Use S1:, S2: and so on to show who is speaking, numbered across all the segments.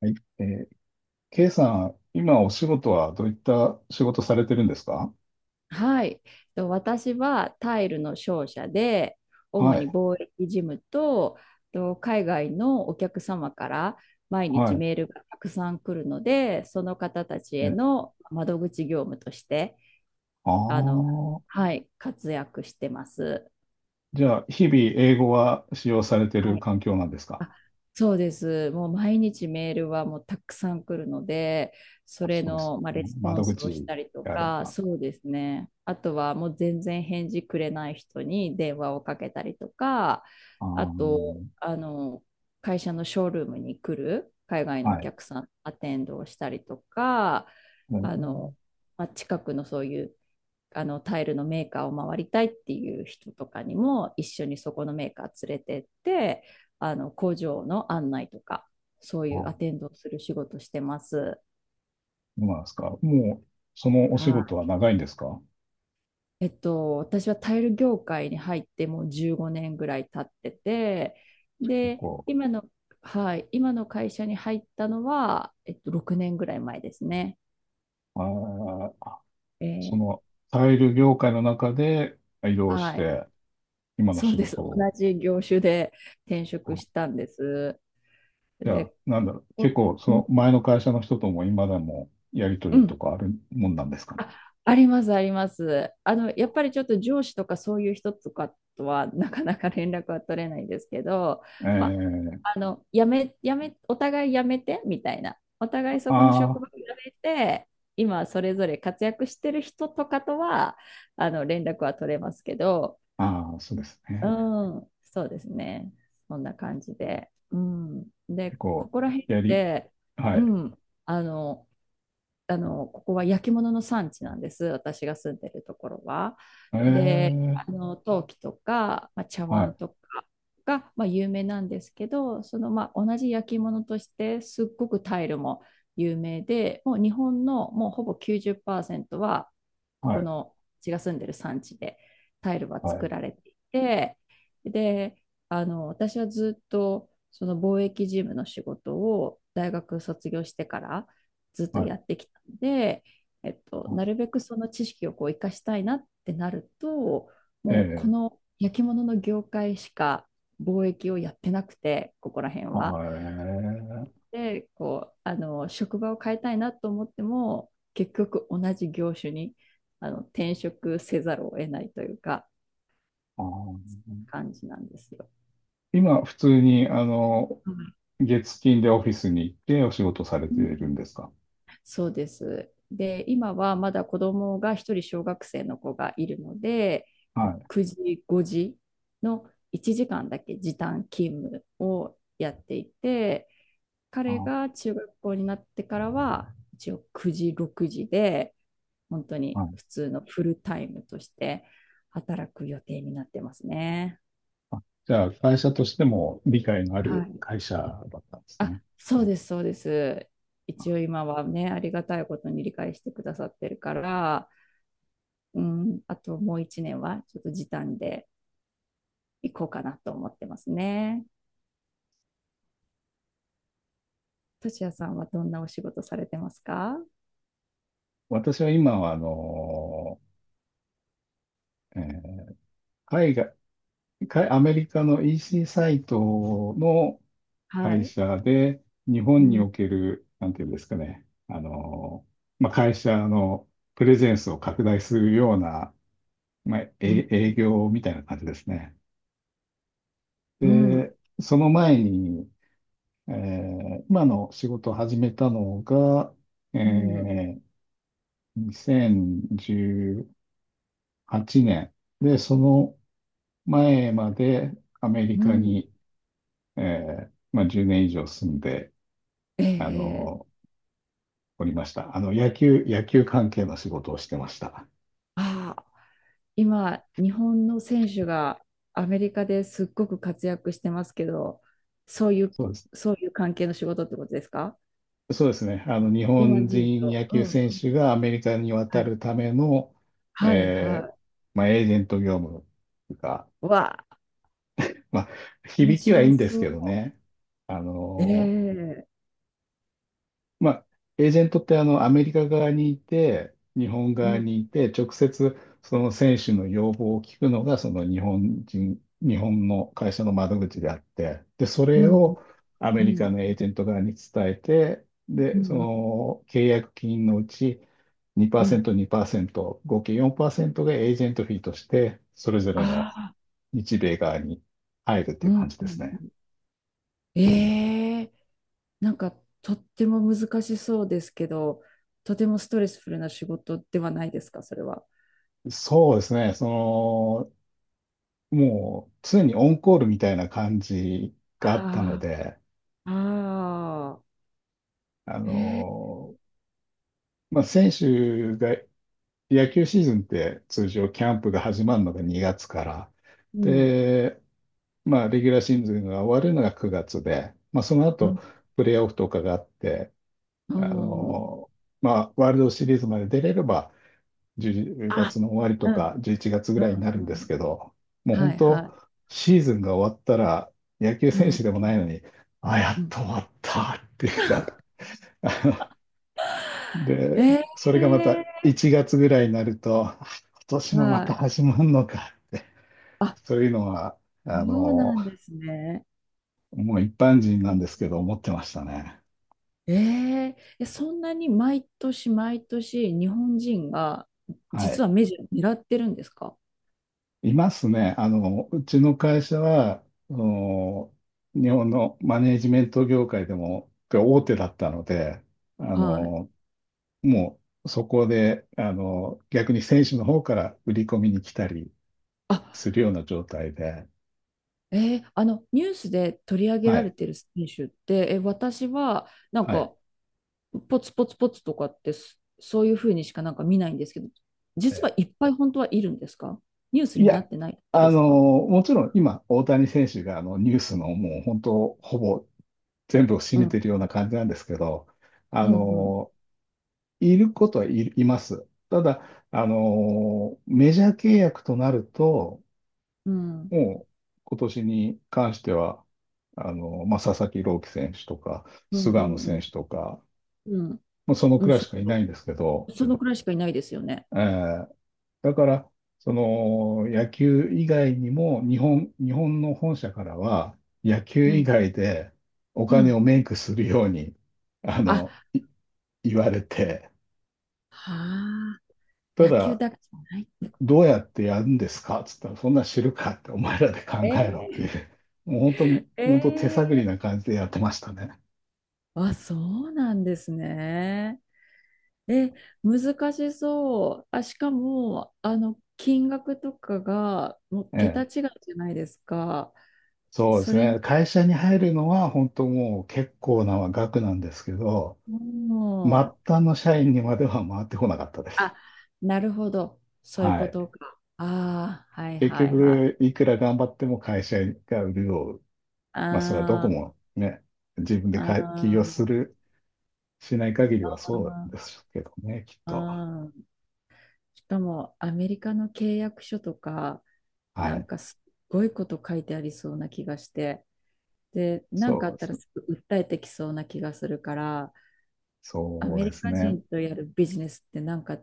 S1: はい。K さん、今お仕事はどういった仕事されてるんですか？
S2: はい。私はタイルの商社で、主
S1: は
S2: に
S1: い。
S2: 貿易事務と、海外のお客様から毎日
S1: は
S2: メールがたくさん来るので、その方たち
S1: い。
S2: への窓口業務として、
S1: あ
S2: あの、
S1: あ、
S2: はい、活躍してます。
S1: じゃあ、日々英語は使用されて
S2: は
S1: る
S2: い、
S1: 環境なんですか？
S2: あそうです。もう毎日メールはもうたくさん来るので、そ
S1: あ、
S2: れ
S1: そうです
S2: の、まあ、
S1: ね。
S2: レスポ
S1: 窓
S2: ンスを
S1: 口
S2: したりと
S1: であれ
S2: か、
S1: ば。
S2: そうですね。あとはもう全然返事くれない人に電話をかけたりとか、
S1: あ
S2: あと、
S1: ー、
S2: あの、会社のショールームに来る海外の
S1: は
S2: お
S1: い。
S2: 客さん、アテンドをしたりとか、
S1: え
S2: あの、
S1: ー
S2: まあ、近くのそういうタイルのメーカーを回りたいっていう人とかにも一緒にそこのメーカー連れてって、あの工場の案内とかそう
S1: あ、
S2: いうア
S1: そ
S2: テンドをする仕事してます。
S1: うなんですか。もう、そのお仕
S2: は
S1: 事は長いんですか？
S2: い、えっと、私はタイル業界に入ってもう15年ぐらい経ってて、
S1: 結
S2: で、
S1: 構。
S2: はい、今の会社に入ったのは、えっと、6年ぐらい前ですね。
S1: あー、
S2: え
S1: そ
S2: ー
S1: の、タイル業界の中で移動し
S2: はい、
S1: て、今の
S2: そう
S1: 仕
S2: です。
S1: 事
S2: 同
S1: を。
S2: じ業種で転職したんです。
S1: じゃあ、
S2: で、
S1: なんだろう、結
S2: こ
S1: 構、そ
S2: うん、
S1: の前の会社の人とも今でもやりと
S2: う
S1: り
S2: ん
S1: とかあるもんなんですか？
S2: あ、あります、あります。あの、やっぱりちょっと上司とかそういう人とかとはなかなか連絡は取れないんですけど、ま
S1: え
S2: あ、
S1: え。
S2: あの、やめ、やめ、お互いやめて、みたいな。お互いそこの職
S1: あ
S2: 場をやめて、今それぞれ活躍してる人とかとは、あの、連絡は取れますけど、
S1: あ、ああ、そうです
S2: う
S1: ね。
S2: ん、そうですね。そんな感じで。うん。
S1: 結
S2: で、こ
S1: 構、
S2: こら辺っ
S1: やり、
S2: て、
S1: は
S2: う
S1: い。
S2: ん、あの、ここは焼き物の産地なんです。私が住んでるところは。で、
S1: え
S2: あ
S1: え、
S2: の、陶器とか、まあ、茶
S1: は
S2: 碗
S1: い、
S2: とかが、まあ、有名なんですけど、その、まあ、同じ焼き物として、すっごくタイルも有名で、もう日本のもうほぼ90%は、こ
S1: は
S2: こ
S1: い、
S2: の、私が住んでる産地でタイルは
S1: は
S2: 作
S1: い、
S2: られていて、で、あの、私はずっと、その貿易事務の仕事を大学卒業してからずっと
S1: はい。
S2: やってきたので、えっと、なるべくその知識をこう生かしたいなってなると、もうこ
S1: ええ
S2: の焼き物の業界しか貿易をやってなくて、ここら辺
S1: ー、
S2: は。
S1: はい。
S2: で、こう、あの、職場を変えたいなと思っても、結局同じ業種にあの転職せざるを得ないというか、
S1: あー
S2: 感じなんですよ。
S1: 今、普通に、
S2: はい。
S1: 月金でオフィスに行ってお仕事され
S2: う
S1: ている
S2: ん
S1: んですか？
S2: そうです。で、今はまだ子供が一人、小学生の子がいるので、
S1: はい。
S2: 9時、5時の1時間だけ時短勤務をやっていて、彼
S1: あ、
S2: が中学校になってからは、一応9時、6時で、本当
S1: は
S2: に
S1: い。
S2: 普通のフルタイムとして働く予定になってますね。
S1: じゃあ、会社としても理解のあ
S2: は
S1: る
S2: い。
S1: 会社だったんですね。
S2: あ、そうです、そうです。一応今はね、ありがたいことに理解してくださってるから、うん、あともう一年はちょっと時短で行こうかなと思ってますね。としやさんはどんなお仕事されてますか？
S1: 私は今は、えー海外、アメリカの EC サイトの
S2: は
S1: 会
S2: い。
S1: 社で、日
S2: う
S1: 本に
S2: ん、
S1: おける、なんていうんですかね、まあ、会社のプレゼンスを拡大するような、まあ、
S2: うん、
S1: 営業みたいな感じですね。
S2: うん、
S1: で、その前に、今の仕事を始めたのが、え
S2: うん、
S1: ー2018年。で、その前までアメリ
S2: う
S1: カ
S2: ん。
S1: に、まあ、10年以上住んで、あ
S2: ええ。
S1: の、おりました。野球関係の仕事をしてました。
S2: ああ、今、日本の選手がアメリカですっごく活躍してますけど、そういう、
S1: そうです。
S2: そういう関係の仕事ってことですか？
S1: そうですね。日
S2: 日本
S1: 本
S2: 人
S1: 人
S2: と。
S1: 野
S2: う
S1: 球
S2: ん。
S1: 選手がアメリカに
S2: は
S1: 渡
S2: い。
S1: るための、
S2: はい、
S1: えー
S2: は
S1: まあ、エージェント業務が、
S2: い。わあ、
S1: まあ、
S2: 面
S1: 響きはいい
S2: 白
S1: んです
S2: そう。
S1: けどね。あのー
S2: ええ。
S1: まあ、エージェントってアメリカ側にいて、日本
S2: う
S1: 側
S2: ん、
S1: にいて、直接その選手の要望を聞くのが、その日本人、日本の会社の窓口であって、で、そ
S2: う
S1: れ
S2: ん、うん、
S1: をア
S2: う
S1: メリカ
S2: ん、
S1: のエージェント側に伝えて、
S2: う
S1: で、そ
S2: ん。
S1: の契約金のうち
S2: うん。
S1: 2%、2%、合計4%がエージェントフィーとして、それぞれの
S2: ああ、
S1: 日米側に入るって
S2: う
S1: いう
S2: ん、
S1: 感じ
S2: う
S1: ですね。
S2: ん。ええ。なんかとっても難しそうですけど、とてもストレスフルな仕事ではないですか、それは。
S1: そうですね。その、もう常にオンコールみたいな感じがあったの
S2: あ
S1: で、
S2: あ、ああ、
S1: あ
S2: ええ、
S1: の、まあ、選手が、野球シーズンって通常キャンプが始まるのが2月から、
S2: うん、
S1: で、まあ、レギュラーシーズンが終わるのが9月で、まあ、その
S2: うん、
S1: 後、プレーオフとかがあって、
S2: お
S1: あ
S2: ー、
S1: の、まあ、ワールドシリーズまで出れれば、10
S2: あ、
S1: 月の終わり
S2: う
S1: とか
S2: ん、
S1: 11月ぐ
S2: う
S1: らいにな
S2: ん、
S1: る
S2: う
S1: んです
S2: ん、
S1: けど、もう
S2: は
S1: 本
S2: い、
S1: 当、
S2: は
S1: シーズンが終わったら、野球
S2: い、う
S1: 選
S2: ん、
S1: 手でもないのに、あ、や
S2: う
S1: っ
S2: ん。
S1: と終わったっていうか、あので、
S2: え
S1: それがまた
S2: え。
S1: 1月ぐらいになると、あ今年もま
S2: は
S1: た
S2: い。
S1: 始まるのか、
S2: あ、
S1: そういうのは、あ
S2: そう
S1: の、
S2: なんですね。
S1: もう一般人なん
S2: え
S1: ですけど、思ってましたね。
S2: え、ええ、そんなに毎年毎年日本人が
S1: は
S2: 実は
S1: い。
S2: メジャー狙ってるんですか？
S1: いますね。うちの会社は、あの日本のマネージメント業界でも大手だったので、あ
S2: はい。
S1: の、もうそこで、逆に選手の方から売り込みに来たり
S2: あ、
S1: するような状態で、
S2: ええ、あのニュースで取り上げ
S1: は
S2: られ
S1: い、
S2: てる選手って、え、私はなん
S1: はい。
S2: かポツポツポツとかって、そういうふうにしかなんか見ないんですけど、実はい
S1: え
S2: っぱい本当はいるんですか？ニュース
S1: い
S2: になっ
S1: や、
S2: てないだけで
S1: あ
S2: す
S1: の、
S2: か？
S1: もちろん今、大谷選手があのニュースのもう本当、ほぼ全部を占
S2: う
S1: めて
S2: ん、
S1: いるような感じなんですけど、あ
S2: うん、うん、
S1: の、いることはいいます。ただ、あのメジャー契約となると、
S2: うん、
S1: もう今年に関しては、まあ、佐々木朗希選手とか、
S2: うん、う
S1: 菅野
S2: ん、う
S1: 選
S2: ん、
S1: 手とか、
S2: うん、
S1: もうその
S2: う
S1: く
S2: ん
S1: らい
S2: そ、
S1: しかいないんですけど、
S2: そのくらいしかいないですよね。
S1: えーだから、その野球以外にも、日本の本社からは、野球
S2: う
S1: 以
S2: ん、
S1: 外でお
S2: う
S1: 金
S2: ん。
S1: をメイクするように、あの、
S2: あ、
S1: 言われて、
S2: はあ。
S1: た
S2: 野球
S1: だ、
S2: だけじゃないってこと
S1: どうや
S2: か。
S1: ってやるんですかっつったら、そんなん知るかって、お前らで考
S2: え
S1: えろってい
S2: ー、
S1: う、もう本当に、本当手探り
S2: え
S1: な感じでやってましたね。
S2: ー、あ、そうなんですね。え、難しそう。あ、しかも、あの、金額とかが、もう
S1: え
S2: 桁
S1: え。
S2: 違いじゃないですか。
S1: そうで
S2: そ
S1: す
S2: れに、
S1: ね。会社に入るのは本当もう結構な額なんですけど、末
S2: もう、
S1: 端の社員にまでは回ってこなかったです。
S2: あ、なるほど。そういう
S1: は
S2: こ
S1: い。
S2: とか。ああ、はい
S1: 結
S2: はいは
S1: 局、
S2: い。
S1: いくら頑張っても会社が潤う。まあ、それはどこ
S2: あー、
S1: もね、自分で
S2: あ
S1: か起業す
S2: ー、
S1: る、しない限り
S2: あ
S1: はそうで
S2: ー、
S1: すけどね、きっと。
S2: あー、しかも、アメリカの契約書とか、
S1: は
S2: なん
S1: い。
S2: かすっごいこと書いてありそうな気がして、で、なんかあ
S1: そう
S2: っ
S1: で
S2: たらす
S1: す。
S2: ぐ訴えてきそうな気がするから、ア
S1: そう
S2: メ
S1: で
S2: リ
S1: す
S2: カ
S1: ね。
S2: 人とやるビジネスってなんか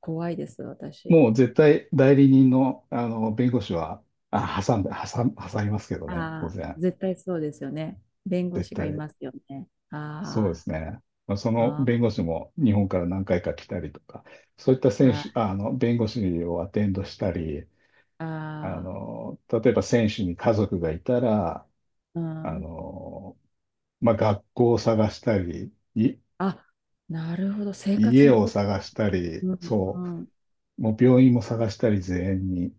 S2: 怖いです、私。
S1: もう絶対代理人の、あの弁護士はあ挟んで、挟ん、挟みますけどね、当
S2: ああ、
S1: 然。
S2: 絶対そうですよね。弁護
S1: 絶
S2: 士がい
S1: 対。
S2: ますよね。
S1: そうで
S2: あ
S1: すね。そ
S2: あ、
S1: の
S2: あ
S1: 弁護士も日本から何回か来たりとか、そういった
S2: あ、
S1: 選
S2: は
S1: 手、
S2: い。
S1: あの弁護士をアテンドしたり、
S2: あ
S1: 例えば選手に家族がいたら、
S2: あ、う
S1: あ
S2: ん。
S1: のまあ、学校を探したり、
S2: あ、なるほど。生活
S1: 家
S2: の
S1: を
S2: こと
S1: 探
S2: か。
S1: したり、
S2: うん、う
S1: そ
S2: ん。
S1: う、もう病院も探したり、全員に、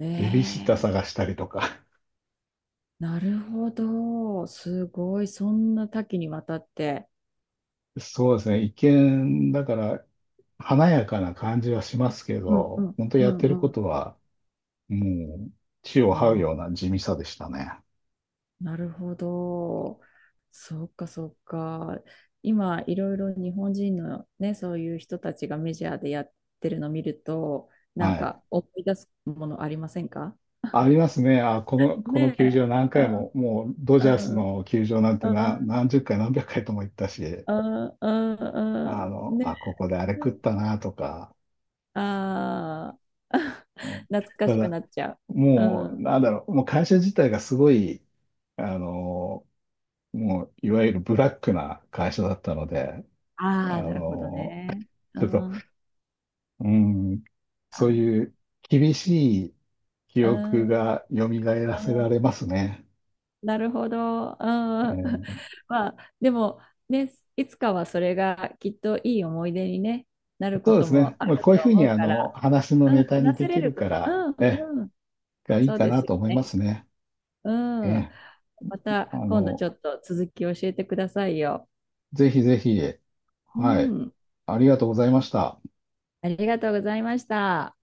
S2: え
S1: ベビーシッター
S2: え、
S1: 探したりとか。
S2: なるほど。すごい。そんな多岐にわたって。
S1: そうですね。一見、だから、華やかな感じはしますけ
S2: うん、う
S1: ど、
S2: ん、
S1: 本当
S2: う
S1: やって
S2: ん、
S1: るこ
S2: うん。
S1: とは、もう、地を
S2: あ
S1: 這うよう
S2: ー、
S1: な地味さでしたね。
S2: なるほど。そっかそっか。今、いろいろ日本人のね、そういう人たちがメジャーでやってるの見ると、なん
S1: はい。
S2: か思い出すものありませんか？
S1: ありますね。あ、この
S2: ね
S1: 球
S2: え。
S1: 場何
S2: う
S1: 回も、
S2: ん
S1: もう、ドジ
S2: う
S1: ャース
S2: ん
S1: の球場なんて
S2: うん
S1: 何十回、何百回とも行ったし、
S2: うんうんうん、ね
S1: あ、ここであれ
S2: え。
S1: 食ったな、とか。
S2: ああ、
S1: うん、
S2: 懐か
S1: た
S2: しくな
S1: だ、
S2: っちゃう。う
S1: もう、
S2: ん。
S1: なんだろう、もう会社自体がすごい、あの、もう、いわゆるブラックな会社だったので、あ
S2: ああ、なるほど
S1: の、
S2: ね。う
S1: ちょっと、
S2: ん。
S1: うん、そ
S2: あ、
S1: ういう厳しい記
S2: う
S1: 憶
S2: ん。うん。
S1: が蘇らせられますね。
S2: なるほど。うん。
S1: え ー
S2: まあ、でも、ね、いつかはそれがきっといい思い出に、ね、なる
S1: そ
S2: こ
S1: うで
S2: と
S1: す
S2: も
S1: ね。
S2: あ
S1: まあ、
S2: る
S1: こういうふ
S2: と
S1: うに
S2: 思う
S1: あ
S2: か
S1: の
S2: ら、
S1: 話の
S2: うん、
S1: ネタに
S2: 話せ
S1: で
S2: れ
S1: き
S2: る
S1: る
S2: こ
S1: か
S2: と、う
S1: ら、
S2: ん、うん、
S1: がいい
S2: そう
S1: か
S2: で
S1: な
S2: すよ
S1: と思いま
S2: ね。
S1: すね。
S2: うん。
S1: え、
S2: ま
S1: あ
S2: た今度ち
S1: の、
S2: ょっと続き教えてくださいよ。
S1: ぜひぜひ、
S2: う
S1: はい。
S2: ん。
S1: ありがとうございました。
S2: ありがとうございました。